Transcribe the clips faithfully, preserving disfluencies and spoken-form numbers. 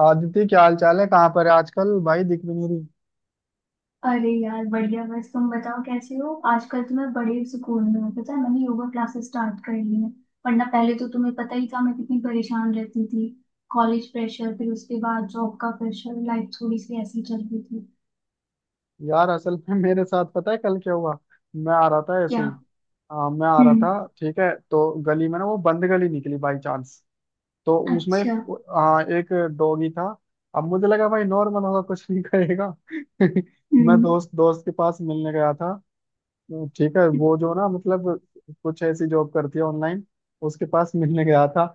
आदिति, क्या हाल चाल है? कहाँ पर है आजकल भाई? दिख भी नहीं रही। अरे यार बढ़िया। बस तुम बताओ कैसे हो। आजकल तो मैं बड़े सुकून में हूँ। पता है मैंने योगा क्लासेस स्टार्ट कर ली है। वरना पहले तो तुम्हें पता ही था मैं कितनी परेशान रहती थी। कॉलेज प्रेशर फिर उसके बाद जॉब का प्रेशर लाइफ थोड़ी सी ऐसी चल रही थी। यार असल में मेरे साथ पता है कल क्या हुआ? मैं आ रहा था ऐसे क्या। ही। आ, मैं आ रहा हम्म। था। ठीक है, तो गली में ना वो बंद गली निकली बाई चांस। तो उसमें एक अच्छा। आ, एक डॉगी था। अब मुझे लगा भाई नॉर्मल होगा, कुछ नहीं करेगा। मैं हम्म। दोस्त दोस्त के पास मिलने गया था। ठीक है, वो जो ना, मतलब कुछ ऐसी जॉब करती है ऑनलाइन। उसके पास मिलने गया था।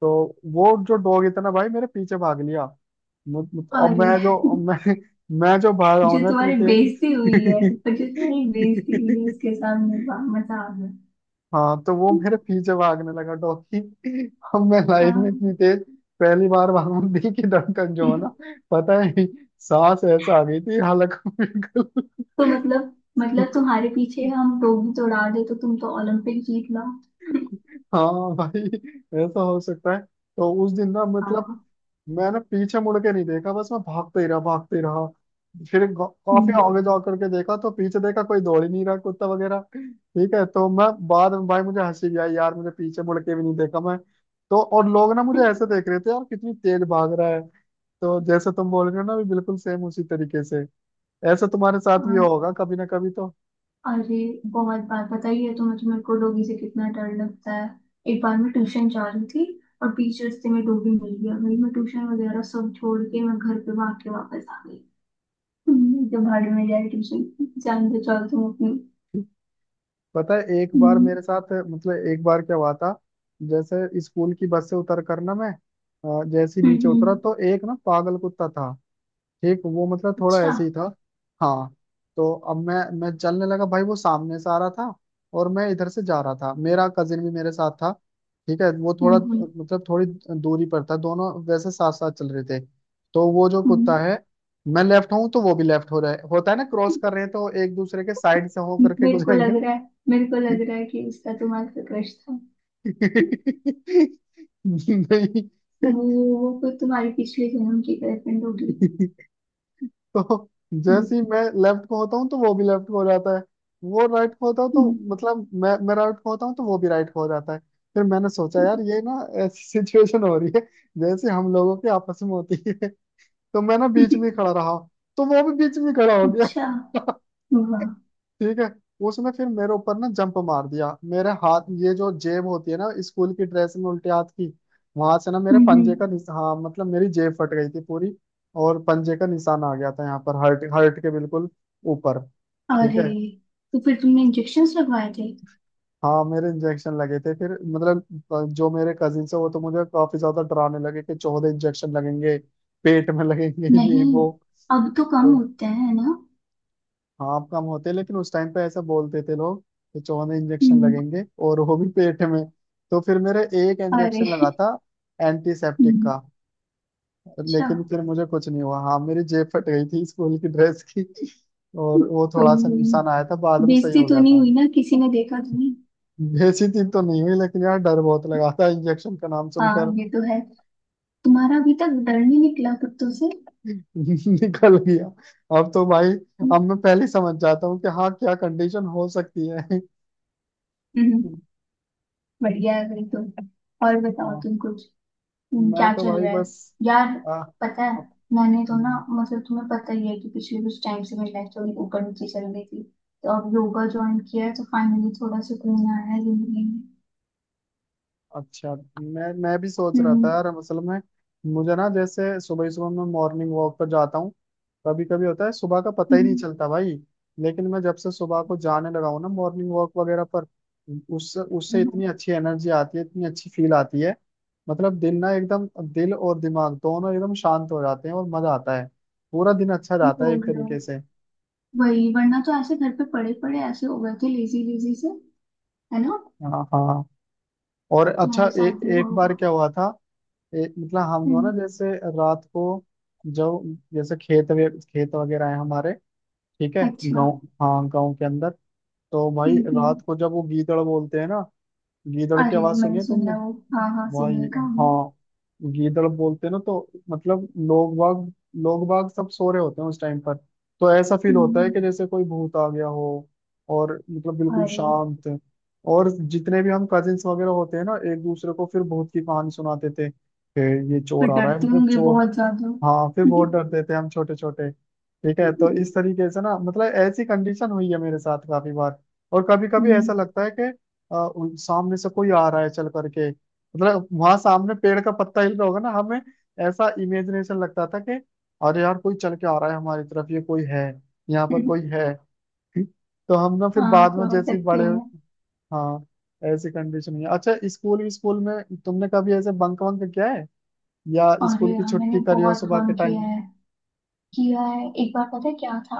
तो वो जो डॉग, इतना भाई मेरे पीछे भाग लिया। मु- मु- और अरे। मैं जो मैं मैं जो भागा जो हूं ना इतनी तुम्हारी बेइज्जती हुई है तेज। और जो तुम्हारी बेइज्जती हुई है उसके सामने वाह मजा आ गया। हाँ, तो वो मेरे पीछे भागने लगा डॉगी। अब मैं लाइफ में हाँ। इतनी तेज पहली बार भागू, दिल की धड़कन जो है ना। पता है, सांस ऐसा आ गई थी हालांकि बिल्कुल। तो मतलब मतलब तुम्हारे पीछे हम लोग भी दौड़ा दे तो तुम तो ओलंपिक जीत लो। हाँ भाई, ऐसा हो सकता है। तो उस दिन ना, मतलब हाँ। मैंने पीछे मुड़ के नहीं देखा, बस मैं भागते ही रहा, भागते ही रहा। फिर ग- काफी हम्म। आगे जा करके देखा तो पीछे देखा कोई दौड़ ही नहीं रहा कुत्ता वगैरह। ठीक है, तो मैं बाद में भाई मुझे हंसी भी आई, यार मुझे पीछे मुड़ के भी नहीं देखा मैं। तो और लोग ना मुझे ऐसे देख रहे थे, यार कितनी तेज भाग रहा है। तो जैसे तुम बोल रहे हो ना, भी बिल्कुल सेम उसी तरीके से। ऐसा तुम्हारे साथ भी हाँ, होगा कभी ना कभी तो। अरे बहुत बार बताइए है तो मुझे मेरे को डोगी से कितना डर लगता है। एक बार मैं ट्यूशन जा रही थी और बीच रास्ते में डोगी मिल गया। भाई मैं ट्यूशन वगैरह सब छोड़ के मैं घर पे भाग के वापस आ गई। हम्म, जब भाड़े में जाए ट्यूशन। जान बचाओ तुम अपनी। पता है एक बार हम्म। मेरे साथ, मतलब एक बार क्या हुआ था? जैसे स्कूल की बस से उतर कर ना मैं, अ, जैसे ही हम्म। नीचे उतरा हम्म, तो एक ना पागल कुत्ता था। ठीक वो मतलब थोड़ा अच्छा। ऐसे ही था। हाँ। तो अब मैं मैं चलने लगा, भाई वो सामने से आ रहा था। और मैं इधर से जा रहा था, मेरा कजिन भी मेरे साथ था। ठीक है, वो थोड़ा, हम्म। हम्म। मतलब थोड़ी दूरी पर था, दोनों वैसे साथ साथ चल रहे थे। तो वो जो हम्म। कुत्ता है, मैं लेफ्ट हूँ तो वो भी लेफ्ट हो रहा है, होता है ना क्रॉस कर रहे हैं तो एक दूसरे के साइड से हो करके मेरे को गुजरेंगे। लग रहा है मेरे को लग रहा है कि उसका तुम्हारे पे क्रश था। नहीं, वो वो कोई तुम्हारी पिछले जन्म की गर्लफ्रेंड होगी। तो जैसे ही मैं लेफ्ट को होता हूँ तो वो भी लेफ्ट को हो जाता है। वो राइट को होता है तो, हम्म। मतलब मैं मैं राइट को होता हूँ तो वो भी राइट को हो जाता है। फिर मैंने सोचा यार ये ना ऐसी सिचुएशन हो रही है जैसे हम लोगों के आपस में होती है। तो मैं ना बीच में ही खड़ा रहा, तो वो भी बीच में ही खड़ा हो अच्छा। गया। वाह। ठीक है। उसने फिर मेरे ऊपर ना जंप मार दिया, मेरे हाथ ये जो जेब होती है ना स्कूल की ड्रेस में उल्टे हाथ की, वहां से ना मेरे हम्म। पंजे का निश- हाँ मतलब मेरी जेब फट गई थी पूरी। और पंजे का निशान आ गया था, यहाँ पर हर्ट हर्ट के बिल्कुल ऊपर। ठीक अरे। है। तो फिर तुमने इंजेक्शन्स लगवाए थे? हाँ मेरे इंजेक्शन लगे थे फिर, मतलब जो मेरे कजिन है वो तो मुझे काफी ज्यादा डराने लगे कि चौदह इंजेक्शन लगेंगे, पेट में लगेंगे। ये नहीं। वो, अब तो कम तो होते हैं ना। हाँ कम होते हैं, लेकिन उस टाइम पे ऐसा बोलते थे लोग कि चौवन इंजेक्शन हम्म। लगेंगे, और वो भी पेट में। तो फिर मेरा एक अरे। इंजेक्शन लगा था, एंटीसेप्टिक हम्म, का। अच्छा। लेकिन फिर मुझे कुछ नहीं हुआ, हाँ मेरी जेब फट गई थी स्कूल की ड्रेस की। और वो कोई थोड़ा सा नुकसान आया नहीं। था, बाद में सही बेइज्जती हो तो गया नहीं था। हुई ना? किसी ने देखा तो नहीं? बेइज्जती तो नहीं हुई, लेकिन यार डर बहुत लगा था इंजेक्शन का नाम हाँ सुनकर। ये तो है। तुम्हारा अभी तक डर नहीं निकला कुत्तों से? निकल गया, अब तो भाई अब हम्म। मैं पहले ही समझ जाता हूँ कि हाँ क्या कंडीशन हो सकती है। हम्म, बढ़िया है फिर तो। और बताओ हाँ, तुम कुछ। हम्म, मैं क्या तो चल भाई रहा है? बस यार आ, पता है अप- मैंने तो ना हम्म, मतलब तुम्हें पता ही है कि पिछले कुछ टाइम से मेरी लाइफ थोड़ी ऊपर नीचे चल रही थी। तो अब योगा ज्वाइन किया है तो फाइनली थोड़ा सुकून आया है जिंदगी में। अच्छा, मैं मैं भी सोच रहा था हम्म। यार असल में, मुझे ना जैसे सुबह सुबह मैं मॉर्निंग वॉक पर जाता हूँ। कभी कभी होता है, सुबह का पता ही नहीं हम्म, चलता भाई। लेकिन मैं जब से सुबह को जाने लगा हूँ ना मॉर्निंग वॉक वगैरह पर, उससे उससे हाँ, इतनी अच्छी एनर्जी आती है, इतनी अच्छी फील आती है। मतलब दिन ना एकदम, दिल और दिमाग दोनों एकदम शांत हो जाते हैं और मजा आता है। पूरा दिन अच्छा ये जाता है बोल एक रहे तरीके हो। से। वही वरना तो ऐसे घर पे पड़े पड़े ऐसे हो गए थे लेजी लेजी से। है ना? हाँ, हाँ। और अच्छा, तुम्हारे ए, साथ भी हुआ एक होगा। बार क्या हुआ था? ए- मतलब हम लोग ना हम्म। जैसे रात को जो जैसे खेत वे, खेत वगैरह है हमारे। ठीक है, अच्छा। गांव, हाँ गांव के अंदर। तो भाई हम्म। हम्म। रात को जब वो गीदड़ बोलते हैं ना, गीदड़ की अरे आवाज सुनी मैंने है सुना तुमने? है वो हाँ हाँ वही, सुनिए काम हम्म। हाँ। गीदड़ बोलते हैं ना तो मतलब लोग बाग, लोग बाग सब सो रहे होते हैं उस टाइम पर। तो ऐसा फील होता है हम्म। कि जैसे कोई भूत आ गया हो, और मतलब बिल्कुल अरे शांत। और जितने भी हम कजिन्स वगैरह होते हैं ना, एक दूसरे को फिर भूत की कहानी सुनाते थे कि ये फिर चोर आ रहा है, डरती मतलब होंगी चोर। बहुत ज्यादा। हाँ, फिर बहुत डरते थे हम छोटे छोटे। ठीक है, तो हम्म। इस तरीके से ना, मतलब ऐसी कंडीशन हुई है मेरे साथ काफी बार। और कभी कभी ऐसा लगता है कि अ, उन- सामने से कोई आ रहा है चल करके। मतलब वहां सामने पेड़ का पत्ता हिल रहा होगा ना हमें, ऐसा इमेजिनेशन लगता था कि अरे यार कोई चल के आ रहा है हमारी तरफ, ये कोई है, यहाँ पर कोई है। तो हम ना फिर हाँ बाद में समझ जैसे ही सकती बड़े, हूँ मैं। हाँ ऐसी कंडीशन है। अच्छा, स्कूल स्कूल में तुमने कभी ऐसे बंक वंक किया है, या और स्कूल की यार मैंने छुट्टी करी हो बहुत सुबह के बंक टाइम? किया है। किया है। एक बार पता है क्या था।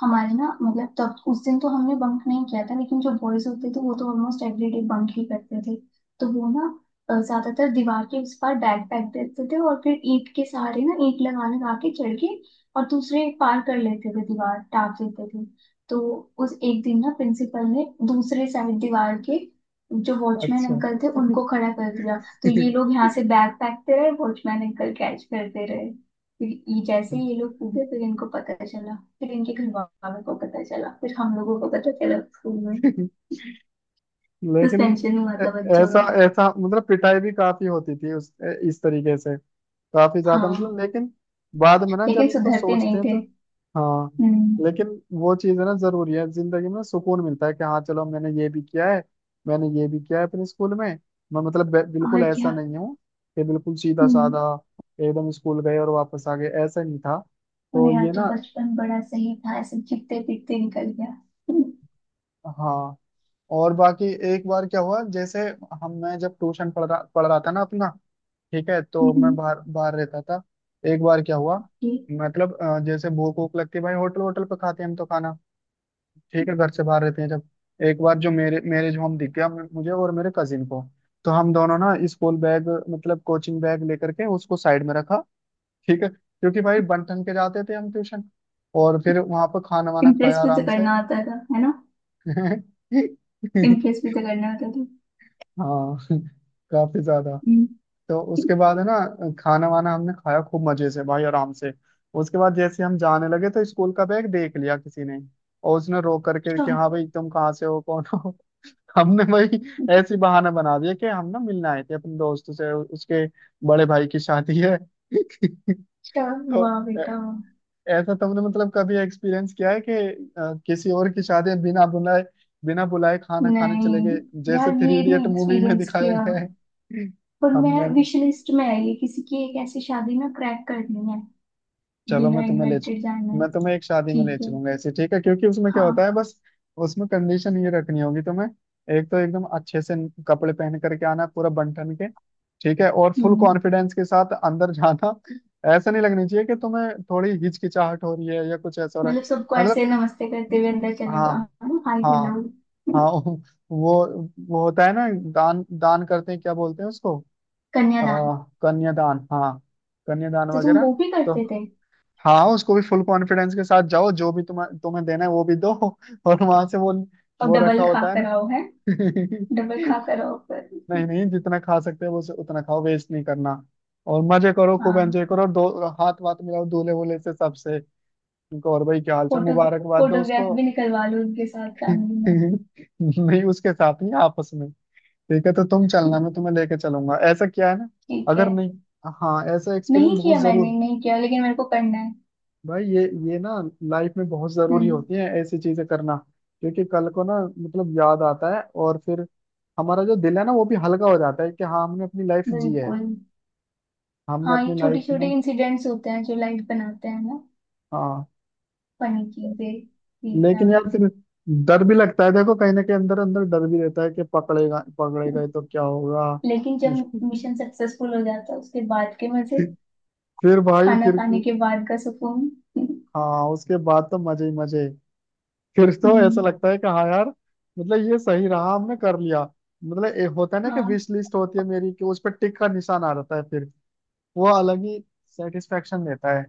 हमारे ना मतलब तब उस दिन तो हमने बंक नहीं किया था लेकिन जो बॉयज होते थे वो तो ऑलमोस्ट एवरीडे बंक ही करते थे। तो वो ना अ, ज्यादातर दीवार के उस पार बैग फेंक देते थे और फिर ईंट के सहारे ना ईंट लगा लगा के चढ़ के और दूसरे पार कर लेते थे दीवार टाप देते थे। तो उस एक दिन ना प्रिंसिपल ने दूसरे साइड दीवार के जो वॉचमैन अच्छा। अंकल थे उनको खड़ा कर दिया। तो ये लोग यहाँ से बैग फेंकते रहे वॉचमैन अंकल कैच करते रहे। फिर ये जैसे ही ये लोग कूदे फिर इनको पता चला फिर इनके घर वालों को पता चला फिर हम लोगों को पता चला स्कूल में। लेकिन सस्पेंशन हुआ ऐ- था बच्चों ऐसा का। ऐसा, मतलब पिटाई भी काफी होती थी उस, इस तरीके से, काफी ज्यादा, हाँ। मतलब लेकिन बाद में ना लेकिन जब इनको सुधरते नहीं सोचते हैं थे। तो, हाँ। हम्म। लेकिन वो चीज है ना जरूरी है जिंदगी में, सुकून मिलता है कि हाँ चलो मैंने ये भी किया है, मैंने ये भी किया है अपने स्कूल में। मैं मतलब बे- बिल्कुल और ऐसा क्या। नहीं हूँ कि बिल्कुल सीधा हम्म। साधा एकदम स्कूल गए और वापस आ गए, ऐसा नहीं था। तो मेरा ये तो ना, बचपन बड़ा सही था ऐसे चिपते पिटते निकल गया। हाँ और बाकी एक बार क्या हुआ जैसे, हम मैं जब ट्यूशन पढ़ रहा पढ़ रहा था ना अपना, ठीक है तो मैं हम्म। बाहर बाहर रहता था। एक बार क्या हुआ, मतलब अ, जैसे भूख वूख लगती है भाई, होटल होटल पे खाते हैं हम तो खाना। ठीक है, घर से बाहर रहते हैं जब। एक बार जो मेरे मैरिज होम दिख गया मु- मुझे और मेरे कजिन को। तो हम दोनों ना स्कूल बैग, मतलब कोचिंग बैग लेकर के उसको साइड में रखा। ठीक है, क्योंकि भाई बन ठन के जाते थे हम ट्यूशन। और फिर वहां पर खाना वाना खाया इम्प्रेस भी तो आराम से। करना आता था है ना? इम्प्रेस भी तो करना आता था। हाँ, काफी ज्यादा। हम्म, तो अच्छा। उसके बाद है ना, खाना वाना हमने खाया खूब मजे से भाई, आराम से। उसके बाद जैसे हम जाने लगे तो स्कूल का बैग देख लिया किसी ने, और उसने रो करके कि हाँ भाई तुम कहाँ से हो, कौन हो? हमने भाई ऐसी बहाना बना दिया कि हम ना मिलने आए थे अपने दोस्त से, उ- उसके बड़े भाई की शादी है। अच्छा। तो वाह ऐ- बेटा वाह। ऐसा तुमने मतलब कभी एक्सपीरियंस किया है कि अ, किसी और की शादी में बिना बुलाए, बिना बुलाए खाना खाने चले नहीं गए, जैसे यार थ्री ये इडियट नहीं मूवी में एक्सपीरियंस दिखाया किया। गया है? और मैं हमने, विश लिस्ट में है ये किसी की एक ऐसी शादी ना क्रैक करनी है। चलो मैं बिना तुम्हें ले इनवाइटेड जाना चल- है। मैं तुम्हें एक शादी में ले ठीक है। चलूंगा ऐसे। ठीक है, क्योंकि उसमें क्या होता हाँ। है बस, उसमें कंडीशन ये रखनी होगी तुम्हें। एक तो एकदम अच्छे से कपड़े पहन करके आना, पूरा बन ठन के। ठीक है, और फुल हम्म। कॉन्फिडेंस के साथ अंदर जाना। ऐसा नहीं लगनी चाहिए कि तुम्हें थोड़ी हिचकिचाहट हो रही है या कुछ ऐसा हो रहा है, मतलब सबको मतलब ऐसे नमस्ते करते हुए अंदर चले हाँ, जाओ है ना, हाय हाँ, हेलो। हाँ। वो वो होता है ना, दान दान करते हैं क्या बोलते हैं उसको? कन्यादान। आ, कन्यादान, हाँ, कन्यादान तो तुम वगैरह। वो भी तो करते थे। हाँ, उसको भी फुल कॉन्फिडेंस के साथ जाओ, जो भी तुम्हें तुम्हें देना है वो भी दो। और वहां से वो और वो रखा डबल खा होता है कर ना। आओ है। डबल खा कर आओ पर। नहीं, नहीं, जितना खा सकते हो उसे- उतना खाओ, वेस्ट नहीं करना। और मजे करो, खूब हाँ। एंजॉय करो, और दो हाथ वाथ मिलाओ दूल्हे वूल्हे से सबसे। उनको, और भाई क्या हाल चाल, फोटो। मुबारकबाद दो फोटोग्राफ उसको। भी निकलवा लो उनके साथ फैमिली नहीं, उसके साथ नहीं, आपस में। ठीक है, तो तुम में। चलना मैं तुम्हें लेके चलूंगा ऐसा, क्या है ना, ठीक है। अगर नहीं, हाँ ऐसा एक्सपीरियंस नहीं बहुत किया मैंने जरूर। नहीं किया लेकिन मेरे को करना है। भाई ये ये ना लाइफ में बहुत जरूरी हम्म। होती है ऐसी चीजें करना, क्योंकि कल को ना, मतलब याद आता है और फिर हमारा जो दिल है ना वो भी हल्का हो जाता है कि हाँ हमने अपनी लाइफ जी है, बिल्कुल। हमने हाँ अपनी ये छोटे लाइफ छोटे में। इंसिडेंट्स होते हैं जो लाइफ बनाते हैं ना। हाँ, फनी चीजें। सीखना। लेकिन यार फिर डर भी लगता है देखो, कहीं ना कहीं अंदर अंदर डर भी रहता है कि पकड़ेगा पकड़ेगा तो क्या होगा। लेकिन जब मिशन सक्सेसफुल हो जाता है उसके बाद के मजे। फिर भाई खाना फिर, खाने के बाद का सुकून। हाँ उसके बाद तो मजे ही मजे। फिर तो ऐसा हम्म, लगता है कि हाँ यार, मतलब ये सही रहा, हमने कर लिया। मतलब ये होता है ना कि हाँ। विश लिस्ट होती है मेरी, कि उस पर टिक का निशान आ जाता है फिर, वो अलग ही सेटिस्फेक्शन देता है।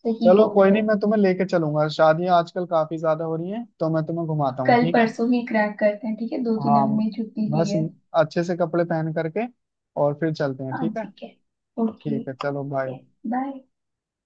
सही चलो बोल कोई रहे नहीं, हो। मैं तुम्हें लेके चलूंगा, शादियां आजकल काफी ज्यादा हो रही हैं तो मैं तुम्हें घुमाता हूँ, कल ठीक है। परसों ही क्रैक करते हैं ठीक है दो तीन हाँ, अभी मेरी छुट्टी भी बस है। अच्छे से कपड़े पहन करके और फिर चलते हैं, हाँ ठीक है। ठीक है। ओके। ठीक है, चलो बाय। बाय।